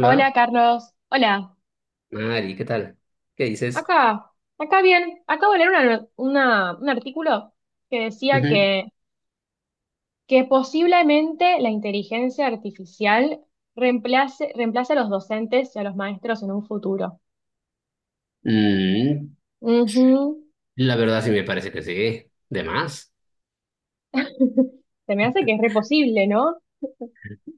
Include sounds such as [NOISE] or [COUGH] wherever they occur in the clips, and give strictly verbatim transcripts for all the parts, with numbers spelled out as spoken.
Hola, Carlos. Hola. Mari, ¿qué tal? ¿Qué dices? Acá, acá bien. Acabo de leer una- una- un artículo que decía Ujú. que, que posiblemente la inteligencia artificial reemplace, reemplace a los docentes y a los maestros en un futuro. Mm, Ujú. la verdad sí me parece que sí, de más. [LAUGHS] Se me hace que es re posible, ¿no?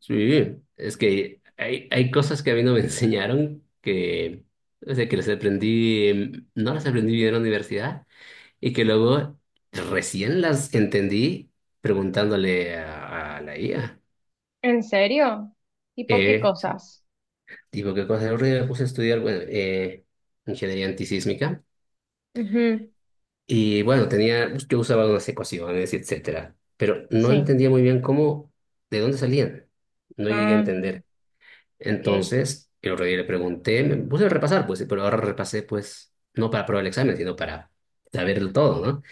Sí, es que hay, hay cosas que a mí no me [LAUGHS] enseñaron que, o sea, que las aprendí, em, no las aprendí bien en la universidad y que luego recién las entendí preguntándole a, a la I A. ¿En serio? ¿Tipo qué Eh, cosas? Digo, ¿qué cosa? Yo me puse a estudiar, bueno, eh, ingeniería antisísmica. Ujú. Y bueno, tenía, pues, yo usaba unas ecuaciones, etcétera, pero no Sí. entendía muy bien cómo, de dónde salían. No llegué a Mm, entender. ok. Entonces, el otro día le pregunté, me puse a repasar, pues, pero ahora repasé, pues, no para probar el examen, sino para saberlo todo, ¿no?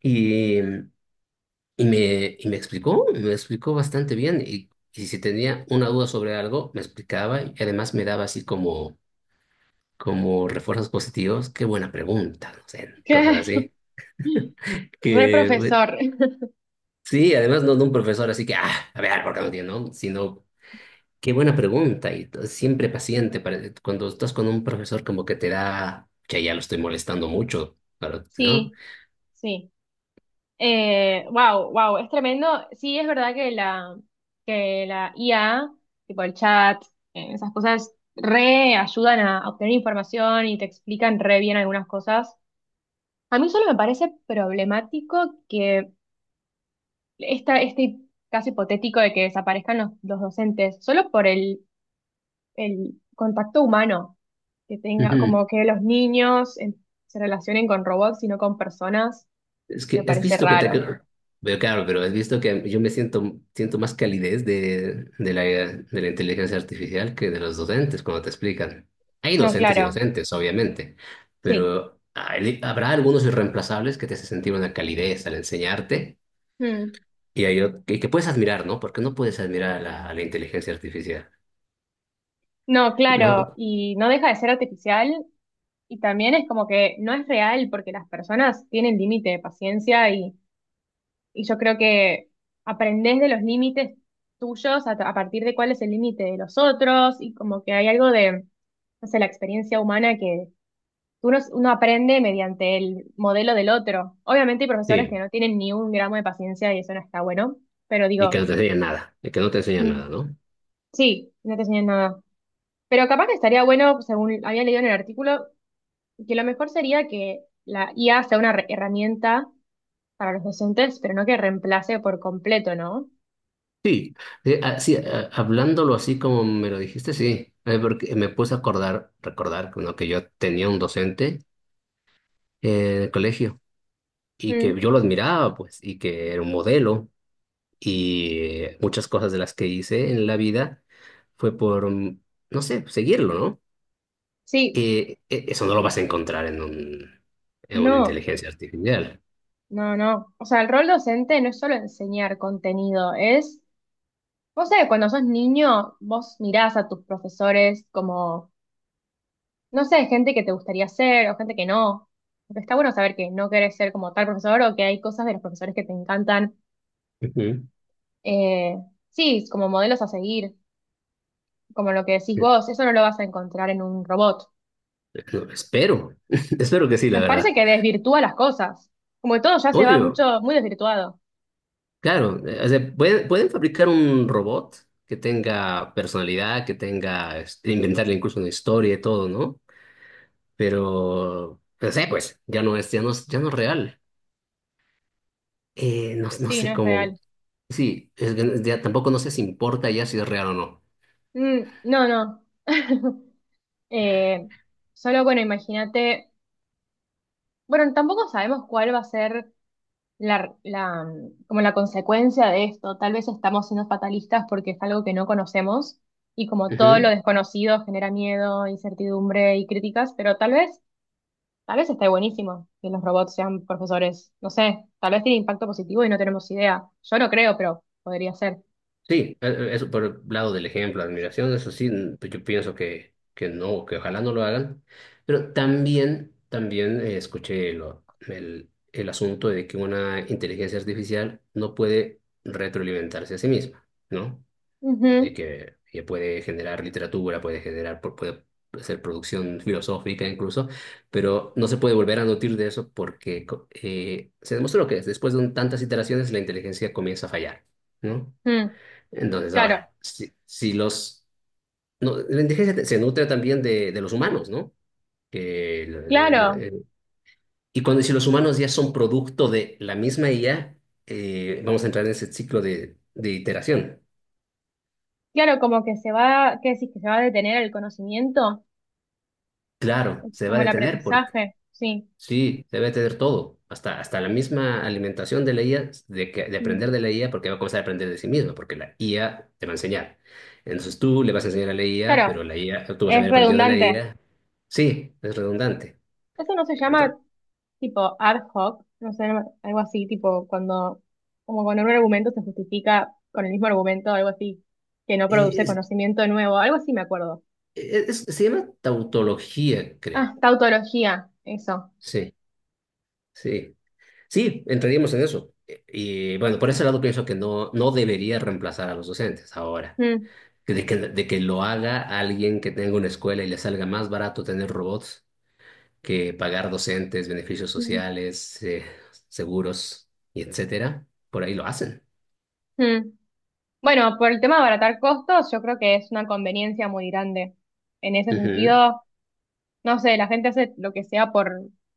Y, y me, y me explicó, me explicó bastante bien. Y, y si tenía una duda sobre algo, me explicaba y además me daba así como, como refuerzos positivos. Qué buena pregunta, no sé, cosas [LAUGHS] así Re que. profesor. Sí, además no de un profesor, así que, ah, a ver, ¿por qué no tiene, no? Sino, qué buena pregunta, y t- siempre paciente, para eh, cuando estás con un profesor como que te da, que ya lo estoy molestando mucho, pero, ¿no? Sí, sí. Eh, wow, wow, es tremendo. Sí, es verdad que la, que la I A, tipo el chat, eh, esas cosas re ayudan a a obtener información y te explican re bien algunas cosas. A mí solo me parece problemático que esta, este caso hipotético de que desaparezcan los, los docentes, solo por el, el contacto humano, que tenga, Ujú. como que los niños eh, se relacionen con robots y no con personas, Es me que, ¿has parece visto que te...? raro. Pero claro, pero has visto que yo me siento, siento más calidez de, de la, de la inteligencia artificial que de los docentes cuando te explican. Hay No, docentes y claro, docentes, obviamente, sí. pero hay- habrá algunos irreemplazables que te hacen sentir una calidez al enseñarte. Mm. Y, hay ot- que, que puedes admirar, ¿no? Porque no puedes admirar a la, a la inteligencia artificial, No, claro, ¿no? y no deja de ser artificial y también es como que no es real porque las personas tienen límite de paciencia y, y yo creo que aprendés de los límites tuyos a, a partir de cuál es el límite de los otros y como que hay algo de, no sé, la experiencia humana que uno, uno aprende mediante el modelo del otro. Obviamente hay profesores que Sí, no tienen ni un gramo de paciencia y eso no está bueno, pero y que digo, no te enseña nada, y que no te enseña mm, nada, ¿no? sí, no te enseñan nada. Pero capaz que estaría bueno, según había leído en el artículo, que lo mejor sería que la I A sea una re- herramienta para los docentes, pero no que reemplace por completo, ¿no? Sí, eh, ah, sí, ah, hablándolo así como me lo dijiste, sí. Eh, porque me puse a acordar, recordar, ¿no? Que yo tenía un docente eh, en el colegio y Mm, que yo lo admiraba, pues, y que era un modelo y eh, muchas cosas de las que hice en la vida fue por, mm, no sé, seguirlo, ¿no? sí, Eh, eh, eso no lo vas a encontrar en un, en una no, inteligencia artificial. no, no. O sea, el rol docente no es solo enseñar contenido, es, vos sé, cuando sos niño, vos mirás a tus profesores como, no sé, gente que te gustaría ser o gente que no. Porque está bueno saber que no querés ser como tal profesor o que hay cosas de los profesores que te encantan. Ujú. Eh, sí, como modelos a seguir, como lo que decís vos, eso no lo vas a encontrar en un robot. No, espero, [LAUGHS] espero que sí, la Me parece verdad. que desvirtúa las cosas. Como que todo ya se va Obvio, mucho, muy desvirtuado. claro, eh, o sea, pueden, pueden fabricar un robot que tenga personalidad, que tenga, este, inventarle incluso una historia y todo, ¿no? Pero, no sé, pues, ya no es, ya no, es- ya no es real. Eh, no, no Sí, no sé es cómo, real. sí, es que ya tampoco no sé si importa ya si es real o Mm, no, no. [LAUGHS] Eh, solo, bueno, imagínate. Bueno, tampoco sabemos cuál va a ser la, la, mm, como la consecuencia de esto. Tal vez estamos siendo fatalistas porque es algo que no conocemos. Y como todo lo no. desconocido genera miedo, incertidumbre y críticas, pero tal vez tal vez esté buenísimo que los robots sean profesores. No sé, tal vez tiene impacto positivo y no tenemos idea. Yo no creo, pero podría ser. Sí, e- e- eso por el lado del ejemplo, admiración, eso sí, n- pues yo pienso que, que no, que ojalá no lo hagan. Pero también, también eh, escuché lo- el, el asunto de que una inteligencia artificial no puede retroalimentarse a sí misma, ¿no? Ujú, De que, que puede generar literatura, puede generar, pu- puede hacer producción filosófica incluso, pero no se puede volver a nutrir de eso porque co- eh, se demostró que después de un- tantas iteraciones la inteligencia comienza a fallar, ¿no? mm, Entonces, claro, ahora, si, si los... No, la indigencia te- se nutre también de, de los humanos, ¿no? Que le- le- claro, le- eh, y cuando si los humanos ya son producto de la misma I A, eh, vamos a entrar en ese ciclo de, de iteración. claro, como que se va, ¿qué decís? Que se va a detener el conocimiento, Claro, se va a como el detener porque aprendizaje, sí. sí, se va a detener todo, hasta, hasta la misma alimentación de la I A, de, que, de Mm, aprender de la I A, porque va a comenzar a aprender de sí misma, porque la I A te va a enseñar. Entonces tú le vas a enseñar a la I A, claro, pero la I A, tú vas a es haber aprendido de la redundante. I A. Sí, es redundante. Eso no se llama Ento- tipo ad hoc, no sé, algo así, tipo cuando, como cuando un argumento se justifica con el mismo argumento, algo así, que no eh, produce es- conocimiento nuevo, algo así me acuerdo. eh, es- se llama tautología, Ah, creo. tautología, eso. Sí, sí. Sí, entraríamos en eso. Eh, Y bueno, por ese lado pienso que no, no debería reemplazar a los docentes ahora. Mm, Que De que, de que lo haga alguien que tenga una escuela y le salga más barato tener robots que pagar docentes, beneficios mm, sociales, eh, seguros y etcétera. Por ahí lo hacen. mm. Bueno, por el tema de abaratar costos, yo creo que es una conveniencia muy grande. En ese Ujú. sentido, no sé, la gente hace lo que sea por,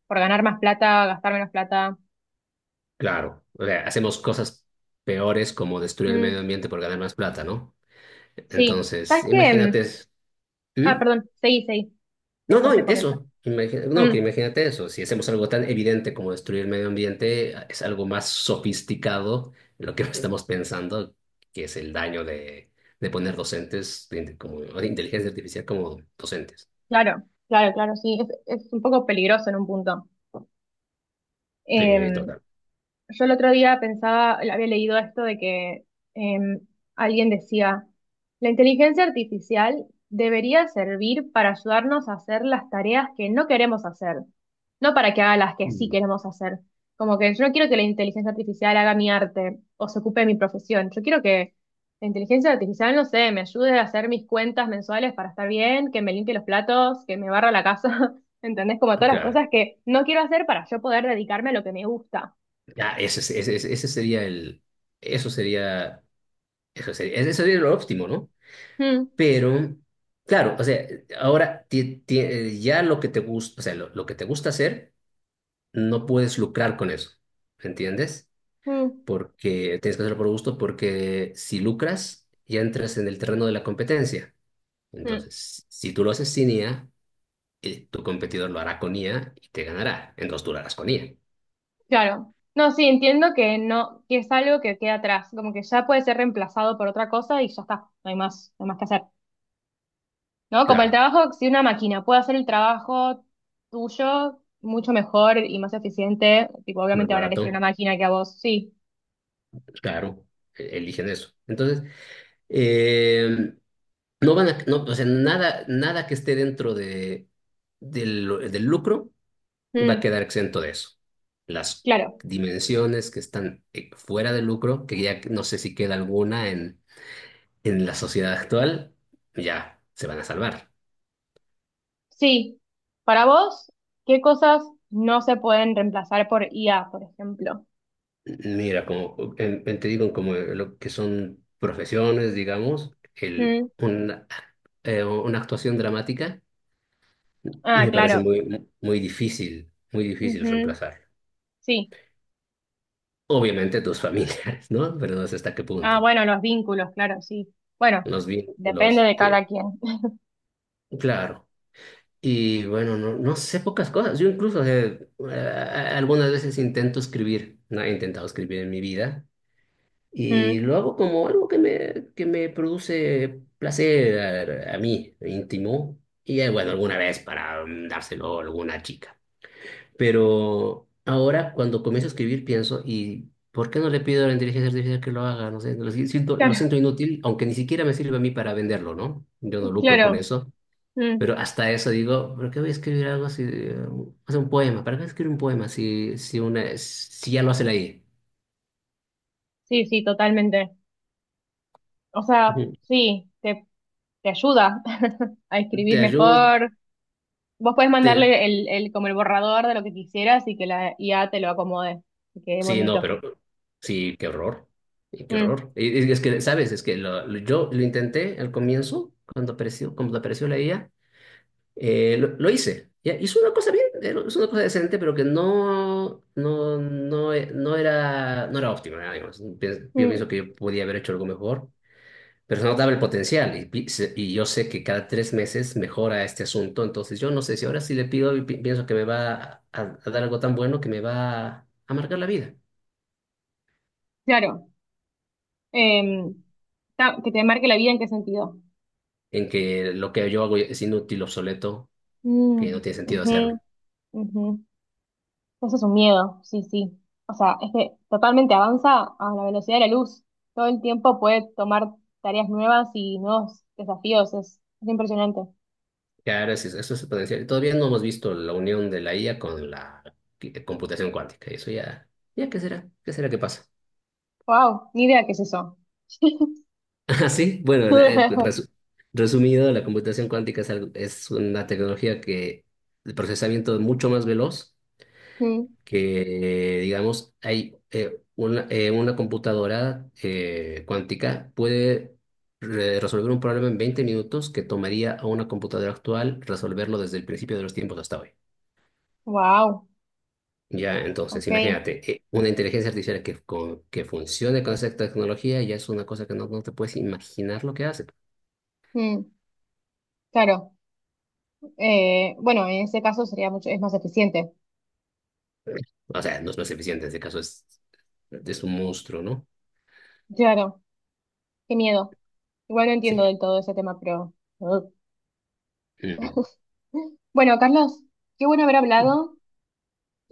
por ganar más plata, gastar menos plata. Claro. O sea, hacemos cosas peores como destruir el Mm, medio ambiente por ganar más plata, ¿no? sí. Entonces, ¿Sabes qué? Mm, imagínate. ah, ¿Mm? perdón, seguí, seguí. No, Después no, te comento. eso. Imagina- no, que Mm, imagínate eso. Si hacemos algo tan evidente como destruir el medio ambiente, es algo más sofisticado lo que [LAUGHS] estamos pensando, que es el daño de, de poner docentes de, inte- como, o de inteligencia artificial como docentes. claro, claro, claro, sí. Es, es un poco peligroso en un punto. Sí, Em, total. Yo el otro día pensaba, había leído esto de que em, alguien decía, la inteligencia artificial debería servir para ayudarnos a hacer las tareas que no queremos hacer, no para que haga las que sí Mm. queremos hacer. Como que yo no quiero que la inteligencia artificial haga mi arte o se ocupe de mi profesión. Yo quiero que la inteligencia artificial, no sé, me ayude a hacer mis cuentas mensuales para estar bien, que me limpie los platos, que me barra la casa. [LAUGHS] ¿Entendés? Como todas las Claro. cosas que no quiero hacer para yo poder dedicarme a lo que me gusta. Ya, ese, es- ese, es- ese sería el. Eso sería. Eso sería, eso sería lo óptimo, ¿no? Mm. Pero, claro, o sea, ahora ti- ti- ya lo que te gusta, o sea, lo lo que te gusta hacer. No puedes lucrar con eso, ¿entiendes? Mm, Porque tienes que hacerlo por gusto, porque si lucras, ya entras en el terreno de la competencia. mm, Entonces, si tú lo haces sin I A, eh, tu competidor lo hará con I A y te ganará. Entonces tú lo harás con I A. claro. No, sí, entiendo que no, que es algo que queda atrás, como que ya puede ser reemplazado por otra cosa y ya está, no hay más, no hay más que hacer. ¿No? Como el Claro, trabajo, si una máquina puede hacer el trabajo tuyo mucho mejor y más eficiente, tipo, más obviamente van a elegir una barato, máquina que a vos. Sí. claro, e- eligen eso. Entonces, eh, no van a, no, o sea, nada, nada que esté dentro de, del, del lucro va a Mm, quedar exento de eso. Las claro. dimensiones que están eh, fuera de lucro, que ya no sé si queda alguna en, en la sociedad actual, ya se van a salvar. Sí. Para vos, ¿qué cosas no se pueden reemplazar por I A, por ejemplo? Mira, como en- en- te digo, como lo que son profesiones, digamos, el, Mm, una, eh, una actuación dramática ah, me parece claro. muy, muy difícil, muy difícil Ujú, reemplazar. sí. Obviamente tus [LAUGHS] familiares, ¿no? Pero no sé hasta qué Ah, punto. bueno, los vínculos, claro, sí. Bueno, Los depende vínculos, de eh, cada quien. [LAUGHS] claro. Y bueno, no, no sé pocas cosas. Yo incluso, o sea, eh, algunas veces intento escribir, no he intentado escribir en mi vida, y Mm, lo hago como algo que me, que me produce placer a, a mí, íntimo, y eh, bueno, alguna vez para mm, dárselo a alguna chica. Pero ahora cuando comienzo a escribir pienso, ¿y por qué no le pido a la inteligencia artificial que lo haga? No sé, lo si- siento, lo claro, siento inútil, aunque ni siquiera me sirve a mí para venderlo, ¿no? Yo no lucro claro. con eso. Mm, Pero hasta eso digo, ¿por qué voy a escribir algo si...? O sea, un poema, ¿para qué escribir un poema si, si, una, si ya lo hace la I A? sí, sí, totalmente. O sea, Ujú. sí, te, te ayuda [LAUGHS] a escribir Te ayudo, mejor. Vos podés te... mandarle el, el, como el borrador de lo que quisieras y que la I A te lo acomode. Que quede Sí, no, bonito. pero... Sí, qué horror. Y qué Mm, horror. Y- y Es que, ¿sabes? Es que lo, lo- yo lo intenté al comienzo, cuando apareció, cuando apareció la I A, eh, lo, lo hice. Ya, hizo una cosa bien, eh, hizo una cosa decente, pero que no, no, no, e- no era, no era óptima, digamos. Pienso- Yo pienso mm, que yo podía haber hecho algo mejor. Pero se notaba el potencial y, pi- se- y yo sé que cada tres meses mejora este asunto, entonces yo no sé si ahora sí le pido y pi- pienso que me va a, a dar algo tan bueno que me va a amargar la vida, claro. Em, ta- que te marque la vida en qué sentido. en que lo que yo hago es inútil, obsoleto, que Mm, no tiene sentido ujú, hacerlo. ujú. Eso es un miedo, sí, sí. O sea, es que totalmente avanza a la velocidad de la luz. Todo el tiempo puede tomar tareas nuevas y nuevos desafíos. Es, es impresionante. Claro, eso es, eso es el potencial. Todavía no hemos visto la unión de la I A con la qui- computación cuántica, y eso ya, ya, ¿qué será? ¿Qué será que pasa? [LAUGHS] Wow, ni idea qué es eso. Ah, sí, bueno, la- eh, [LAUGHS] resu- resumido, la computación cuántica es, algo- es una tecnología que el procesamiento es mucho más veloz que, digamos, hay eh, una, eh, una computadora eh, cuántica puede re- resolver un problema en veinte minutos que tomaría a una computadora actual resolverlo desde el principio de los tiempos hasta hoy. Wow, Ya, entonces, ok. imagínate, eh, una inteligencia artificial que, con- que funcione con esa tecnología ya es una cosa que no, no te puedes imaginar lo que hace. Mm, claro. Eh, bueno, en ese caso sería mucho, es más eficiente. O sea, no, no es eficiente, en este caso es, es un monstruo, ¿no? Claro, qué miedo. Igual no Sí. entiendo del todo ese tema, pero. Ugh. Mm. [LAUGHS] Bueno, Carlos, qué bueno haber hablado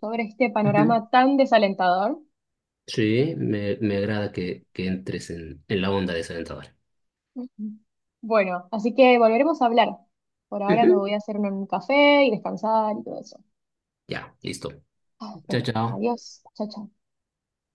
sobre este Ujú. panorama tan desalentador. Sí, me, me agrada que, que entres en, en la onda de esa dentadora. Ujú. Bueno, así que volveremos a hablar. Por ahora me Ujú. voy a hacer un café y descansar y todo eso. Ya, listo. Ah, Chao, bueno, chao. adiós. Chao, chao.